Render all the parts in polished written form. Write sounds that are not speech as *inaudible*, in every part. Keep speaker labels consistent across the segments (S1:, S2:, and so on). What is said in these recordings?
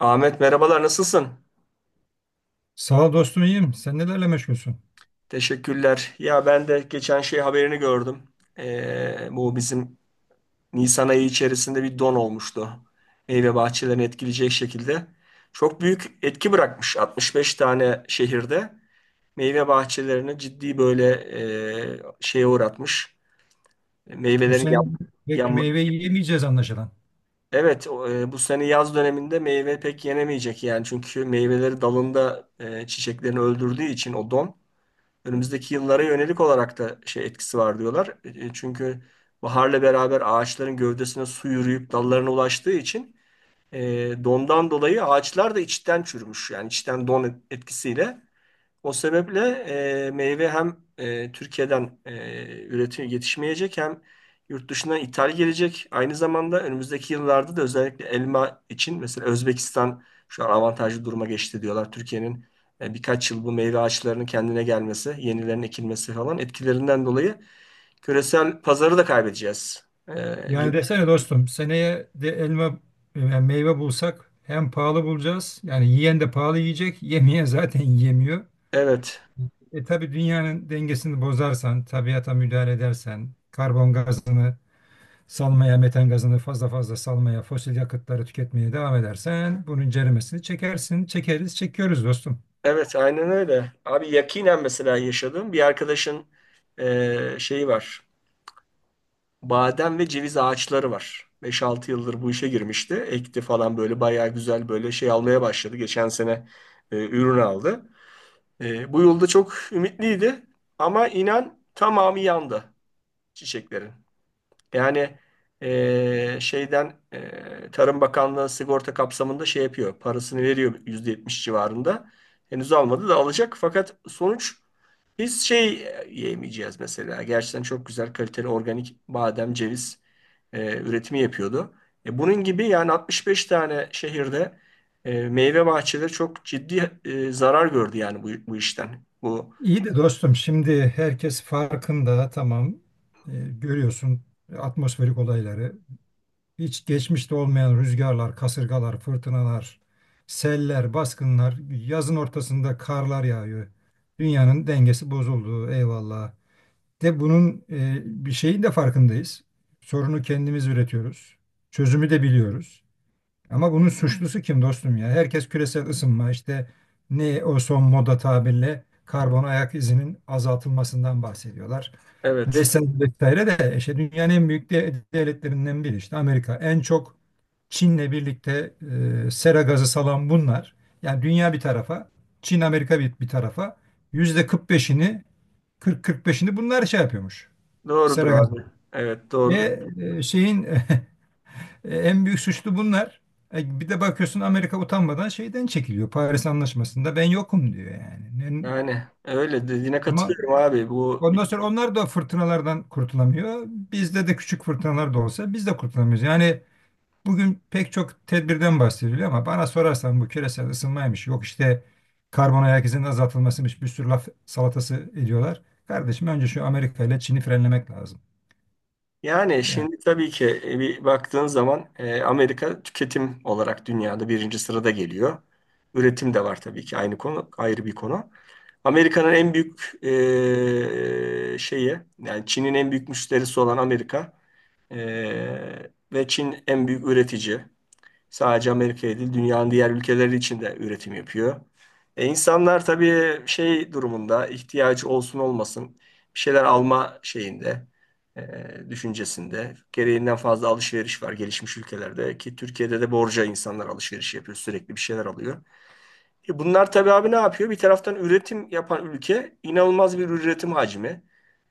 S1: Ahmet, merhabalar, nasılsın?
S2: Sağ ol dostum, iyiyim. Sen nelerle meşgulsün?
S1: Teşekkürler. Ya ben de geçen şey haberini gördüm. Bu bizim Nisan ayı içerisinde bir don olmuştu. Meyve bahçelerini etkileyecek şekilde. Çok büyük etki bırakmış 65 tane şehirde. Meyve bahçelerini ciddi böyle, şeye uğratmış.
S2: Bu
S1: Meyvelerin
S2: sene
S1: yan,
S2: pek
S1: yan-
S2: meyve yiyemeyeceğiz anlaşılan.
S1: Evet. Bu sene yaz döneminde meyve pek yenemeyecek yani. Çünkü meyveleri dalında, çiçeklerini öldürdüğü için o don. Önümüzdeki yıllara yönelik olarak da şey etkisi var diyorlar. Çünkü baharla beraber ağaçların gövdesine su yürüyüp dallarına ulaştığı için, e, dondan dolayı ağaçlar da içten çürümüş. Yani içten don etkisiyle. O sebeple meyve hem Türkiye'den üretim yetişmeyecek, hem yurt dışına ithal gelecek. Aynı zamanda önümüzdeki yıllarda da özellikle elma için mesela Özbekistan şu an avantajlı duruma geçti diyorlar. Türkiye'nin birkaç yıl bu meyve ağaçlarının kendine gelmesi, yenilerinin ekilmesi falan etkilerinden dolayı küresel pazarı da kaybedeceğiz. Gibi.
S2: Yani desene dostum, seneye de elma yani meyve bulsak hem pahalı bulacağız. Yani yiyen de pahalı yiyecek. Yemeyen zaten *laughs* yiyemiyor.
S1: Evet,
S2: E tabii dünyanın dengesini bozarsan, tabiata müdahale edersen, karbon gazını salmaya, metan gazını fazla fazla salmaya, fosil yakıtları tüketmeye devam edersen bunun ceremesini çekersin. Çekeriz, çekiyoruz dostum.
S1: evet, aynen öyle. Abi, yakinen mesela yaşadığım bir arkadaşın şeyi var. Badem ve ceviz ağaçları var. Beş altı yıldır bu işe girmişti. Ekti falan böyle bayağı güzel böyle şey almaya başladı. Geçen sene ürün aldı. Bu yılda çok ümitliydi ama inan tamamı yandı çiçeklerin. Yani şeyden Tarım Bakanlığı sigorta kapsamında şey yapıyor. Parasını veriyor, %70 civarında. Henüz almadı da alacak, fakat sonuç biz şey yiyemeyeceğiz mesela. Gerçekten çok güzel, kaliteli organik badem, ceviz üretimi yapıyordu. Bunun gibi yani 65 tane şehirde meyve bahçeleri çok ciddi zarar gördü yani bu işten.
S2: İyi de dostum, şimdi herkes farkında, tamam. Ee, Görüyorsun atmosferik olayları, hiç geçmişte olmayan rüzgarlar, kasırgalar, fırtınalar, seller, baskınlar, yazın ortasında karlar yağıyor. Dünyanın dengesi bozuldu, eyvallah. De bunun bir şeyin de farkındayız. Sorunu kendimiz üretiyoruz. Çözümü de biliyoruz. Ama bunun suçlusu kim dostum ya? Herkes küresel ısınma, işte ne o son moda tabirle karbon ayak izinin azaltılmasından bahsediyorlar.
S1: Evet,
S2: Vesaire vesaire, de işte dünyanın en büyük devletlerinden biri işte Amerika. En çok Çin'le birlikte sera gazı salan bunlar. Yani dünya bir tarafa, Çin Amerika bir tarafa, yüzde 45'ini, 40-45'ini bunlar şey yapıyormuş.
S1: doğrudur
S2: Sera gazı.
S1: abi. Evet, doğrudur.
S2: E, e, şeyin *laughs* En büyük suçlu bunlar. Bir de bakıyorsun, Amerika utanmadan şeyden çekiliyor. Paris Anlaşması'nda ben yokum diyor yani.
S1: Yani öyle dediğine
S2: Ama
S1: katılıyorum abi.
S2: ondan sonra onlar da fırtınalardan kurtulamıyor. Bizde de küçük fırtınalar da olsa biz de kurtulamıyoruz. Yani bugün pek çok tedbirden bahsediliyor ama bana sorarsan bu küresel ısınmaymış. Yok, işte karbon ayak izinin azaltılmasıymış. Bir sürü laf salatası ediyorlar. Kardeşim, önce şu Amerika ile Çin'i frenlemek lazım.
S1: Yani
S2: Yani
S1: şimdi tabii ki, bir baktığın zaman, Amerika tüketim olarak dünyada birinci sırada geliyor. Üretim de var tabii ki, aynı konu ayrı bir konu. Amerika'nın en büyük şeyi, yani Çin'in en büyük müşterisi olan Amerika, ve Çin en büyük üretici. Sadece Amerika'ya değil, dünyanın diğer ülkeleri için de üretim yapıyor. İnsanlar tabii şey durumunda, ihtiyacı olsun olmasın, bir şeyler alma şeyinde, düşüncesinde gereğinden fazla alışveriş var gelişmiş ülkelerde. Ki Türkiye'de de borca insanlar alışveriş yapıyor, sürekli bir şeyler alıyor. Bunlar tabii abi, ne yapıyor? Bir taraftan üretim yapan ülke, inanılmaz bir üretim hacmi.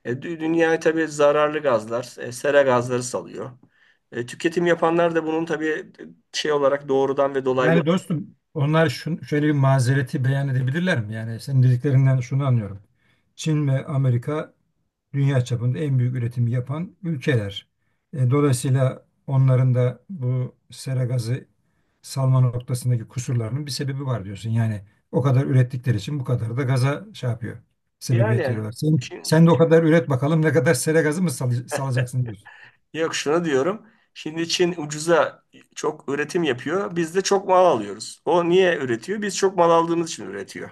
S1: Dünyaya tabii zararlı gazlar, sera gazları salıyor. Tüketim yapanlar da bunun tabii şey olarak, doğrudan ve dolaylı.
S2: Yani dostum onlar şöyle bir mazereti beyan edebilirler mi? Yani senin dediklerinden şunu anlıyorum. Çin ve Amerika dünya çapında en büyük üretimi yapan ülkeler. Dolayısıyla onların da bu sera gazı salma noktasındaki kusurlarının bir sebebi var diyorsun. Yani o kadar ürettikleri için bu kadar da gaza şey yapıyor. Sebebiyet
S1: Yani
S2: veriyorlar. Sen,
S1: Çin,
S2: sen de o kadar üret bakalım, ne kadar sera gazı mı salacaksın diyorsun.
S1: yok, şunu diyorum. Şimdi Çin ucuza çok üretim yapıyor. Biz de çok mal alıyoruz. O niye üretiyor? Biz çok mal aldığımız için üretiyor.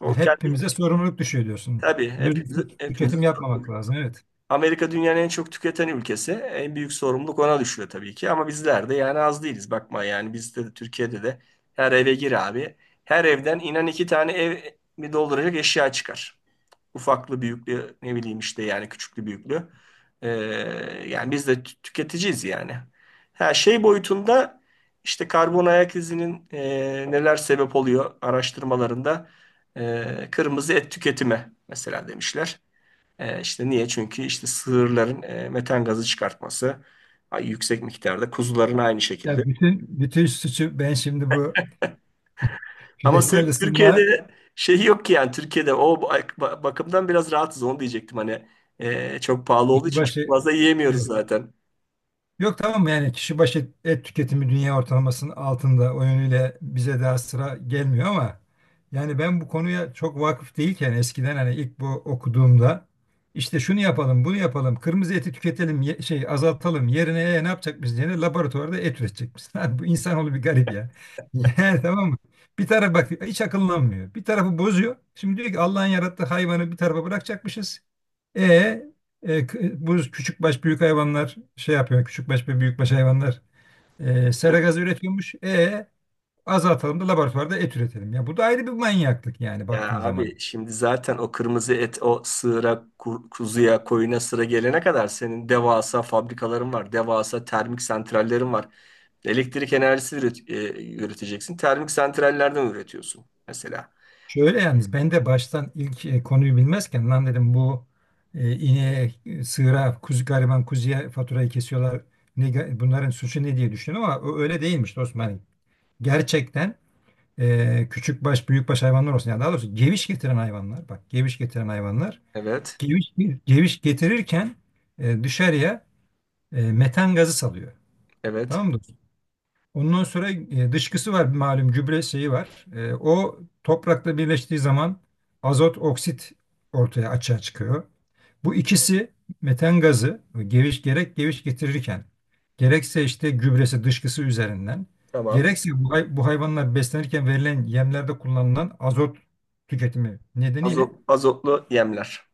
S1: O kendi
S2: Hepimize sorumluluk düşüyor diyorsun.
S1: Tabii, hepimizi,
S2: Lüzumsuz
S1: hepimizi
S2: tüketim
S1: sorumlu.
S2: yapmamak lazım. Evet.
S1: Amerika dünyanın en çok tüketen ülkesi. En büyük sorumluluk ona düşüyor tabii ki. Ama bizler de yani az değiliz. Bakma, yani bizde de, Türkiye'de de her eve gir abi. Her evden, inan, iki tane ev mi dolduracak eşya çıkar. Ufaklı büyüklü, ne bileyim işte, yani küçüklü büyüklü. Ee, yani biz de tüketiciyiz yani. Her şey boyutunda, işte karbon ayak izinin neler sebep oluyor araştırmalarında kırmızı et tüketimi mesela demişler. İşte niye? Çünkü işte sığırların metan gazı çıkartması, yüksek miktarda. Kuzuların aynı şekilde.
S2: Ya bütün bütün suçu ben şimdi bu
S1: Ama
S2: küresel
S1: Tür-
S2: ısınma
S1: Türkiye'de şey yok ki yani, Türkiye'de o bakımdan biraz rahatız, onu diyecektim. Hani çok pahalı olduğu
S2: kişi
S1: için çok
S2: başı
S1: fazla
S2: e,
S1: yiyemiyoruz zaten.
S2: yok tamam, yani kişi başı et tüketimi dünya ortalamasının altında, o yönüyle bize daha sıra gelmiyor ama yani ben bu konuya çok vakıf değilken eskiden, hani ilk bu okuduğumda işte şunu yapalım bunu yapalım, kırmızı eti tüketelim şey azaltalım yerine, ne yapacak, biz yerine laboratuvarda et üretecekmişiz. *laughs* Abi bu insanoğlu bir garip ya. *laughs* Yani tamam mı? Bir taraf bak, hiç akıllanmıyor. Bir tarafı bozuyor. Şimdi diyor ki Allah'ın yarattığı hayvanı bir tarafa bırakacakmışız. E bu küçük baş büyük hayvanlar şey yapıyor. Küçük baş ve büyük baş hayvanlar
S1: Evet.
S2: sera gazı üretiyormuş. E azaltalım da laboratuvarda et üretelim. Ya bu da ayrı bir manyaklık yani,
S1: Ya
S2: baktığın zaman.
S1: abi, şimdi zaten o kırmızı et, o sığıra, kuzuya, koyuna sıra gelene kadar senin devasa fabrikaların var. Devasa termik santrallerin var. Elektrik enerjisi üreteceksin. Termik santrallerden üretiyorsun mesela.
S2: Şöyle yalnız, ben de baştan ilk konuyu bilmezken lan dedim bu ineğe, sığıra, kuzu, gariban kuzuya faturayı kesiyorlar. Ne, bunların suçu ne diye düşündüm ama o öyle değilmiş dostum. Hani gerçekten küçük baş büyük baş hayvanlar olsun. Yani daha doğrusu geviş getiren hayvanlar. Bak, geviş getiren hayvanlar
S1: Evet.
S2: Geviş, geviş getirirken dışarıya metan gazı salıyor.
S1: Evet.
S2: Tamam mı dostum? Ondan sonra dışkısı var, malum gübre şeyi var. E, o toprakla birleştiği zaman azot oksit ortaya açığa çıkıyor. Bu ikisi, metan gazı, geviş getirirken gerekse işte gübresi, dışkısı üzerinden
S1: Tamam.
S2: gerekse bu, bu hayvanlar beslenirken verilen yemlerde kullanılan azot tüketimi nedeniyle.
S1: Azot, azotlu yemler.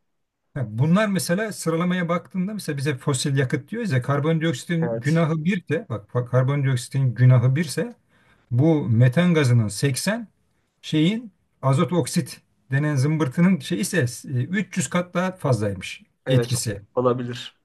S2: Ha, bunlar mesela sıralamaya baktığında, mesela bize fosil yakıt diyoruz ya, karbondioksitin
S1: Evet.
S2: günahı birse, bak karbondioksitin günahı birse bu metan gazının 80, şeyin azot oksit denen zımbırtının şey ise 300 kat daha fazlaymış
S1: Evet.
S2: etkisi.
S1: Olabilir.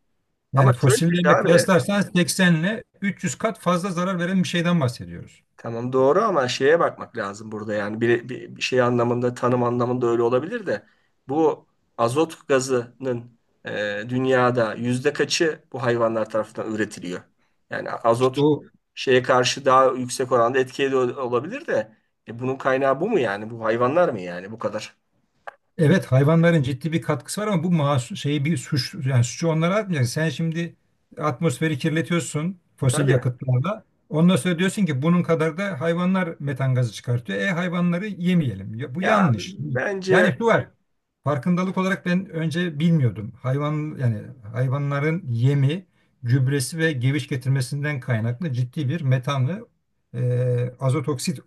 S1: Ama
S2: Yani
S1: şöyle bir şey
S2: fosillerle
S1: abi.
S2: kıyaslarsan 80 ile 300 kat fazla zarar veren bir şeyden bahsediyoruz.
S1: Tamam, doğru, ama şeye bakmak lazım burada, yani bir şey anlamında, tanım anlamında öyle olabilir de, bu azot gazının dünyada yüzde kaçı bu hayvanlar tarafından üretiliyor? Yani
S2: İşte
S1: azot
S2: o,
S1: şeye karşı daha yüksek oranda etkili olabilir de, bunun kaynağı bu mu yani? Bu hayvanlar mı yani, bu kadar? E, bir,
S2: evet, hayvanların ciddi bir katkısı var ama bu masu şeyi bir suç, yani suçu onlara atmayacaksın. Sen şimdi atmosferi kirletiyorsun fosil
S1: tabii
S2: yakıtlarla. Ondan sonra diyorsun ki bunun kadar da hayvanlar metan gazı çıkartıyor. E hayvanları yemeyelim. Ya, bu
S1: ya,
S2: yanlış.
S1: bence
S2: Yani şu var. Farkındalık olarak ben önce bilmiyordum. Hayvan yani hayvanların yemi, gübresi ve geviş getirmesinden kaynaklı ciddi bir metan ve azot oksit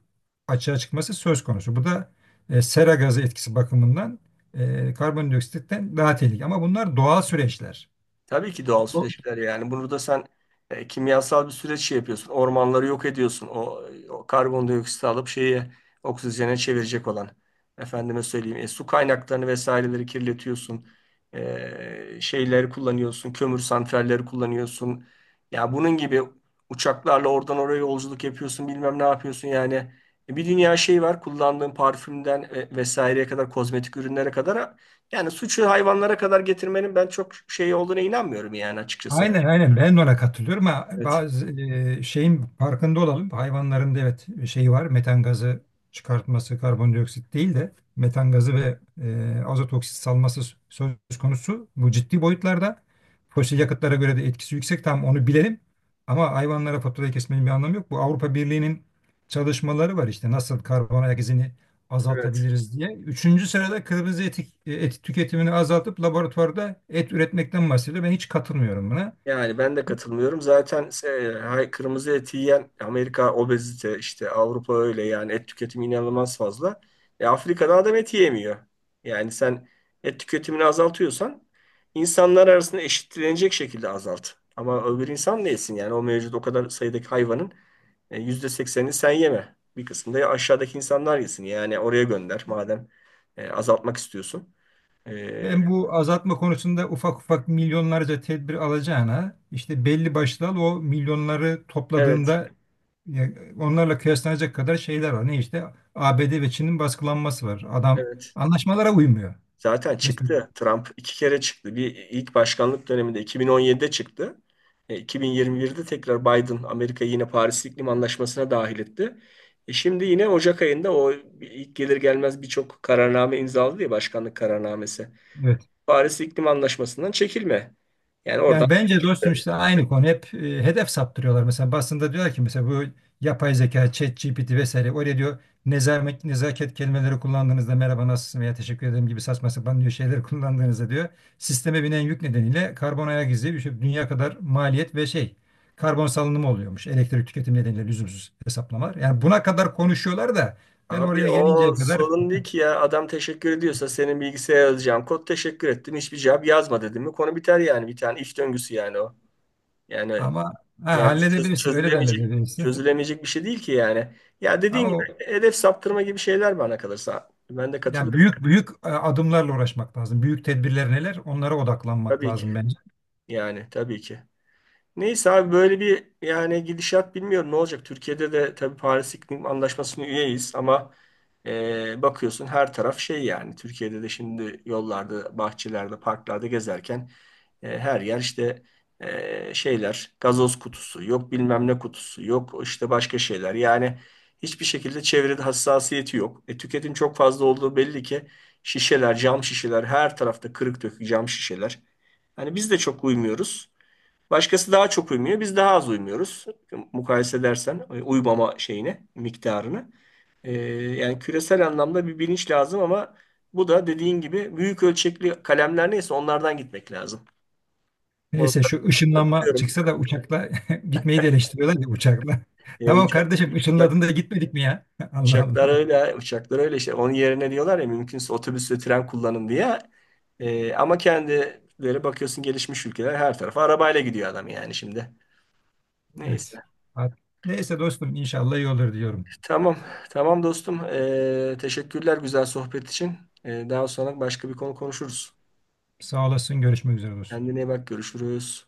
S2: açığa çıkması söz konusu. Bu da sera gazı etkisi bakımından karbondioksitten daha tehlikeli. Ama bunlar doğal süreçler.
S1: tabii ki doğal
S2: Bu-
S1: süreçler yani. Burada sen kimyasal bir süreç şey yapıyorsun. Ormanları yok ediyorsun. O karbondioksiti alıp şeyi oksijene çevirecek olan. Efendime söyleyeyim, su kaynaklarını vesaireleri kirletiyorsun. Şeyleri kullanıyorsun. Kömür santralleri kullanıyorsun. Ya bunun gibi, uçaklarla oradan oraya yolculuk yapıyorsun. Bilmem ne yapıyorsun yani. Bir dünya şey var. Kullandığın parfümden vesaireye kadar, kozmetik ürünlere kadar, yani suçu hayvanlara kadar getirmenin ben çok şey olduğuna inanmıyorum yani, açıkçası.
S2: Aynen aynen, ben de ona katılıyorum ama
S1: Evet.
S2: bazı şeyin farkında olalım. Hayvanların da evet şeyi var, metan gazı çıkartması, karbondioksit değil de metan gazı ve azot oksit salması söz konusu. Bu ciddi boyutlarda fosil yakıtlara göre de etkisi yüksek, tam onu bilelim. Ama hayvanlara faturayı kesmenin bir anlamı yok. Bu Avrupa Birliği'nin çalışmaları var işte, nasıl karbon ayak izini
S1: Evet.
S2: azaltabiliriz diye. Üçüncü sırada kırmızı etik, et tüketimini azaltıp laboratuvarda et üretmekten bahsediyor. Ben hiç katılmıyorum buna.
S1: Yani ben de katılmıyorum. Zaten kırmızı et yiyen Amerika obezite, işte Avrupa öyle, yani et tüketimi inanılmaz fazla. Afrika'da adam et yemiyor. Yani sen et tüketimini azaltıyorsan, insanlar arasında eşitlenecek şekilde azalt. Ama öbür insan ne yesin yani? O mevcut, o kadar sayıdaki hayvanın %80'ini sen yeme. Bir kısmını da aşağıdaki insanlar yesin. Yani oraya gönder, madem azaltmak istiyorsun. E,
S2: Ben bu azaltma konusunda ufak ufak milyonlarca tedbir alacağına, işte belli başlı al, o milyonları
S1: evet,
S2: topladığında ya, onlarla kıyaslanacak kadar şeyler var. Ne işte, ABD ve Çin'in baskılanması var. Adam
S1: evet.
S2: anlaşmalara uymuyor.
S1: Zaten
S2: Mesela,
S1: çıktı. Trump iki kere çıktı. Bir, ilk başkanlık döneminde 2017'de çıktı. 2021'de tekrar Biden Amerika'yı yine Paris İklim Anlaşması'na dahil etti. Şimdi yine Ocak ayında o, ilk gelir gelmez birçok kararname imzaladı ya, başkanlık kararnamesi.
S2: evet.
S1: Paris İklim Anlaşması'ndan çekilme. Yani oradan
S2: Yani bence dostum işte aynı konu, hep hedef saptırıyorlar. Mesela basında diyorlar ki, mesela bu yapay zeka, ChatGPT vesaire oraya diyor, nezaket, nezaket kelimeleri kullandığınızda, merhaba nasılsın veya teşekkür ederim gibi saçma sapan diyor şeyleri *laughs* kullandığınızda diyor sisteme binen yük nedeniyle karbon ayak izi bir şey, dünya kadar maliyet ve şey, karbon salınımı oluyormuş, elektrik tüketimi nedeniyle lüzumsuz hesaplamalar. Yani buna kadar konuşuyorlar da ben
S1: Abi,
S2: oraya
S1: o
S2: gelinceye kadar,
S1: sorun değil ki ya. Adam teşekkür ediyorsa, senin bilgisayara yazacağım kod teşekkür ettim, hiçbir cevap yazma dedim mi, konu biter yani. Bir tane iş döngüsü yani o. Yani
S2: ama ha,
S1: Yani çöz-
S2: halledebilirsin, öyle de
S1: çözülemeyecek
S2: halledebilirsin
S1: çözülemeyecek bir şey değil ki yani. Ya dediğin gibi
S2: ama
S1: hedef saptırma gibi şeyler, bana kalırsa ben de
S2: yani
S1: katılıyorum,
S2: büyük büyük adımlarla uğraşmak lazım. Büyük tedbirler neler? Onlara odaklanmak
S1: tabii ki.
S2: lazım bence.
S1: Yani tabii ki. Neyse abi, böyle bir yani, gidişat bilmiyorum ne olacak. Türkiye'de de tabii Paris İklim Anlaşması'na üyeyiz ama bakıyorsun her taraf şey yani. Türkiye'de de şimdi yollarda, bahçelerde, parklarda gezerken her yer işte, şeyler, gazoz kutusu, yok bilmem ne kutusu, yok işte başka şeyler. Yani hiçbir şekilde çevrede hassasiyeti yok. Tüketim çok fazla olduğu belli ki, şişeler, cam şişeler, her tarafta kırık dökük cam şişeler. Hani biz de çok uymuyoruz. Başkası daha çok uymuyor, biz daha az uymuyoruz. Mukayese edersen, şeyine, miktarını. E, yani küresel anlamda bir bilinç lazım ama bu da dediğin gibi, büyük ölçekli kalemler neyse, onlardan gitmek lazım. Onu
S2: Neyse, şu ışınlanma
S1: katılıyorum.
S2: çıksa da uçakla *laughs* gitmeyi de eleştiriyorlar ya uçakla. *laughs*
S1: E,
S2: Tamam
S1: uçak,
S2: kardeşim,
S1: uçak,
S2: ışınladın da gitmedik mi ya? *laughs* Allah
S1: Uçaklar
S2: Allah.
S1: öyle, uçaklar öyle işte. Onun yerine diyorlar ya, mümkünse otobüs ve tren kullanın diye. Ama kendileri bakıyorsun, gelişmiş ülkeler, her tarafa arabayla gidiyor adam yani şimdi.
S2: Evet.
S1: Neyse.
S2: Neyse dostum, inşallah iyi olur diyorum.
S1: Tamam. Tamam dostum. Teşekkürler güzel sohbet için. Daha sonra başka bir konu konuşuruz.
S2: Sağ olasın, görüşmek üzere dostum.
S1: Kendine iyi bak. Görüşürüz.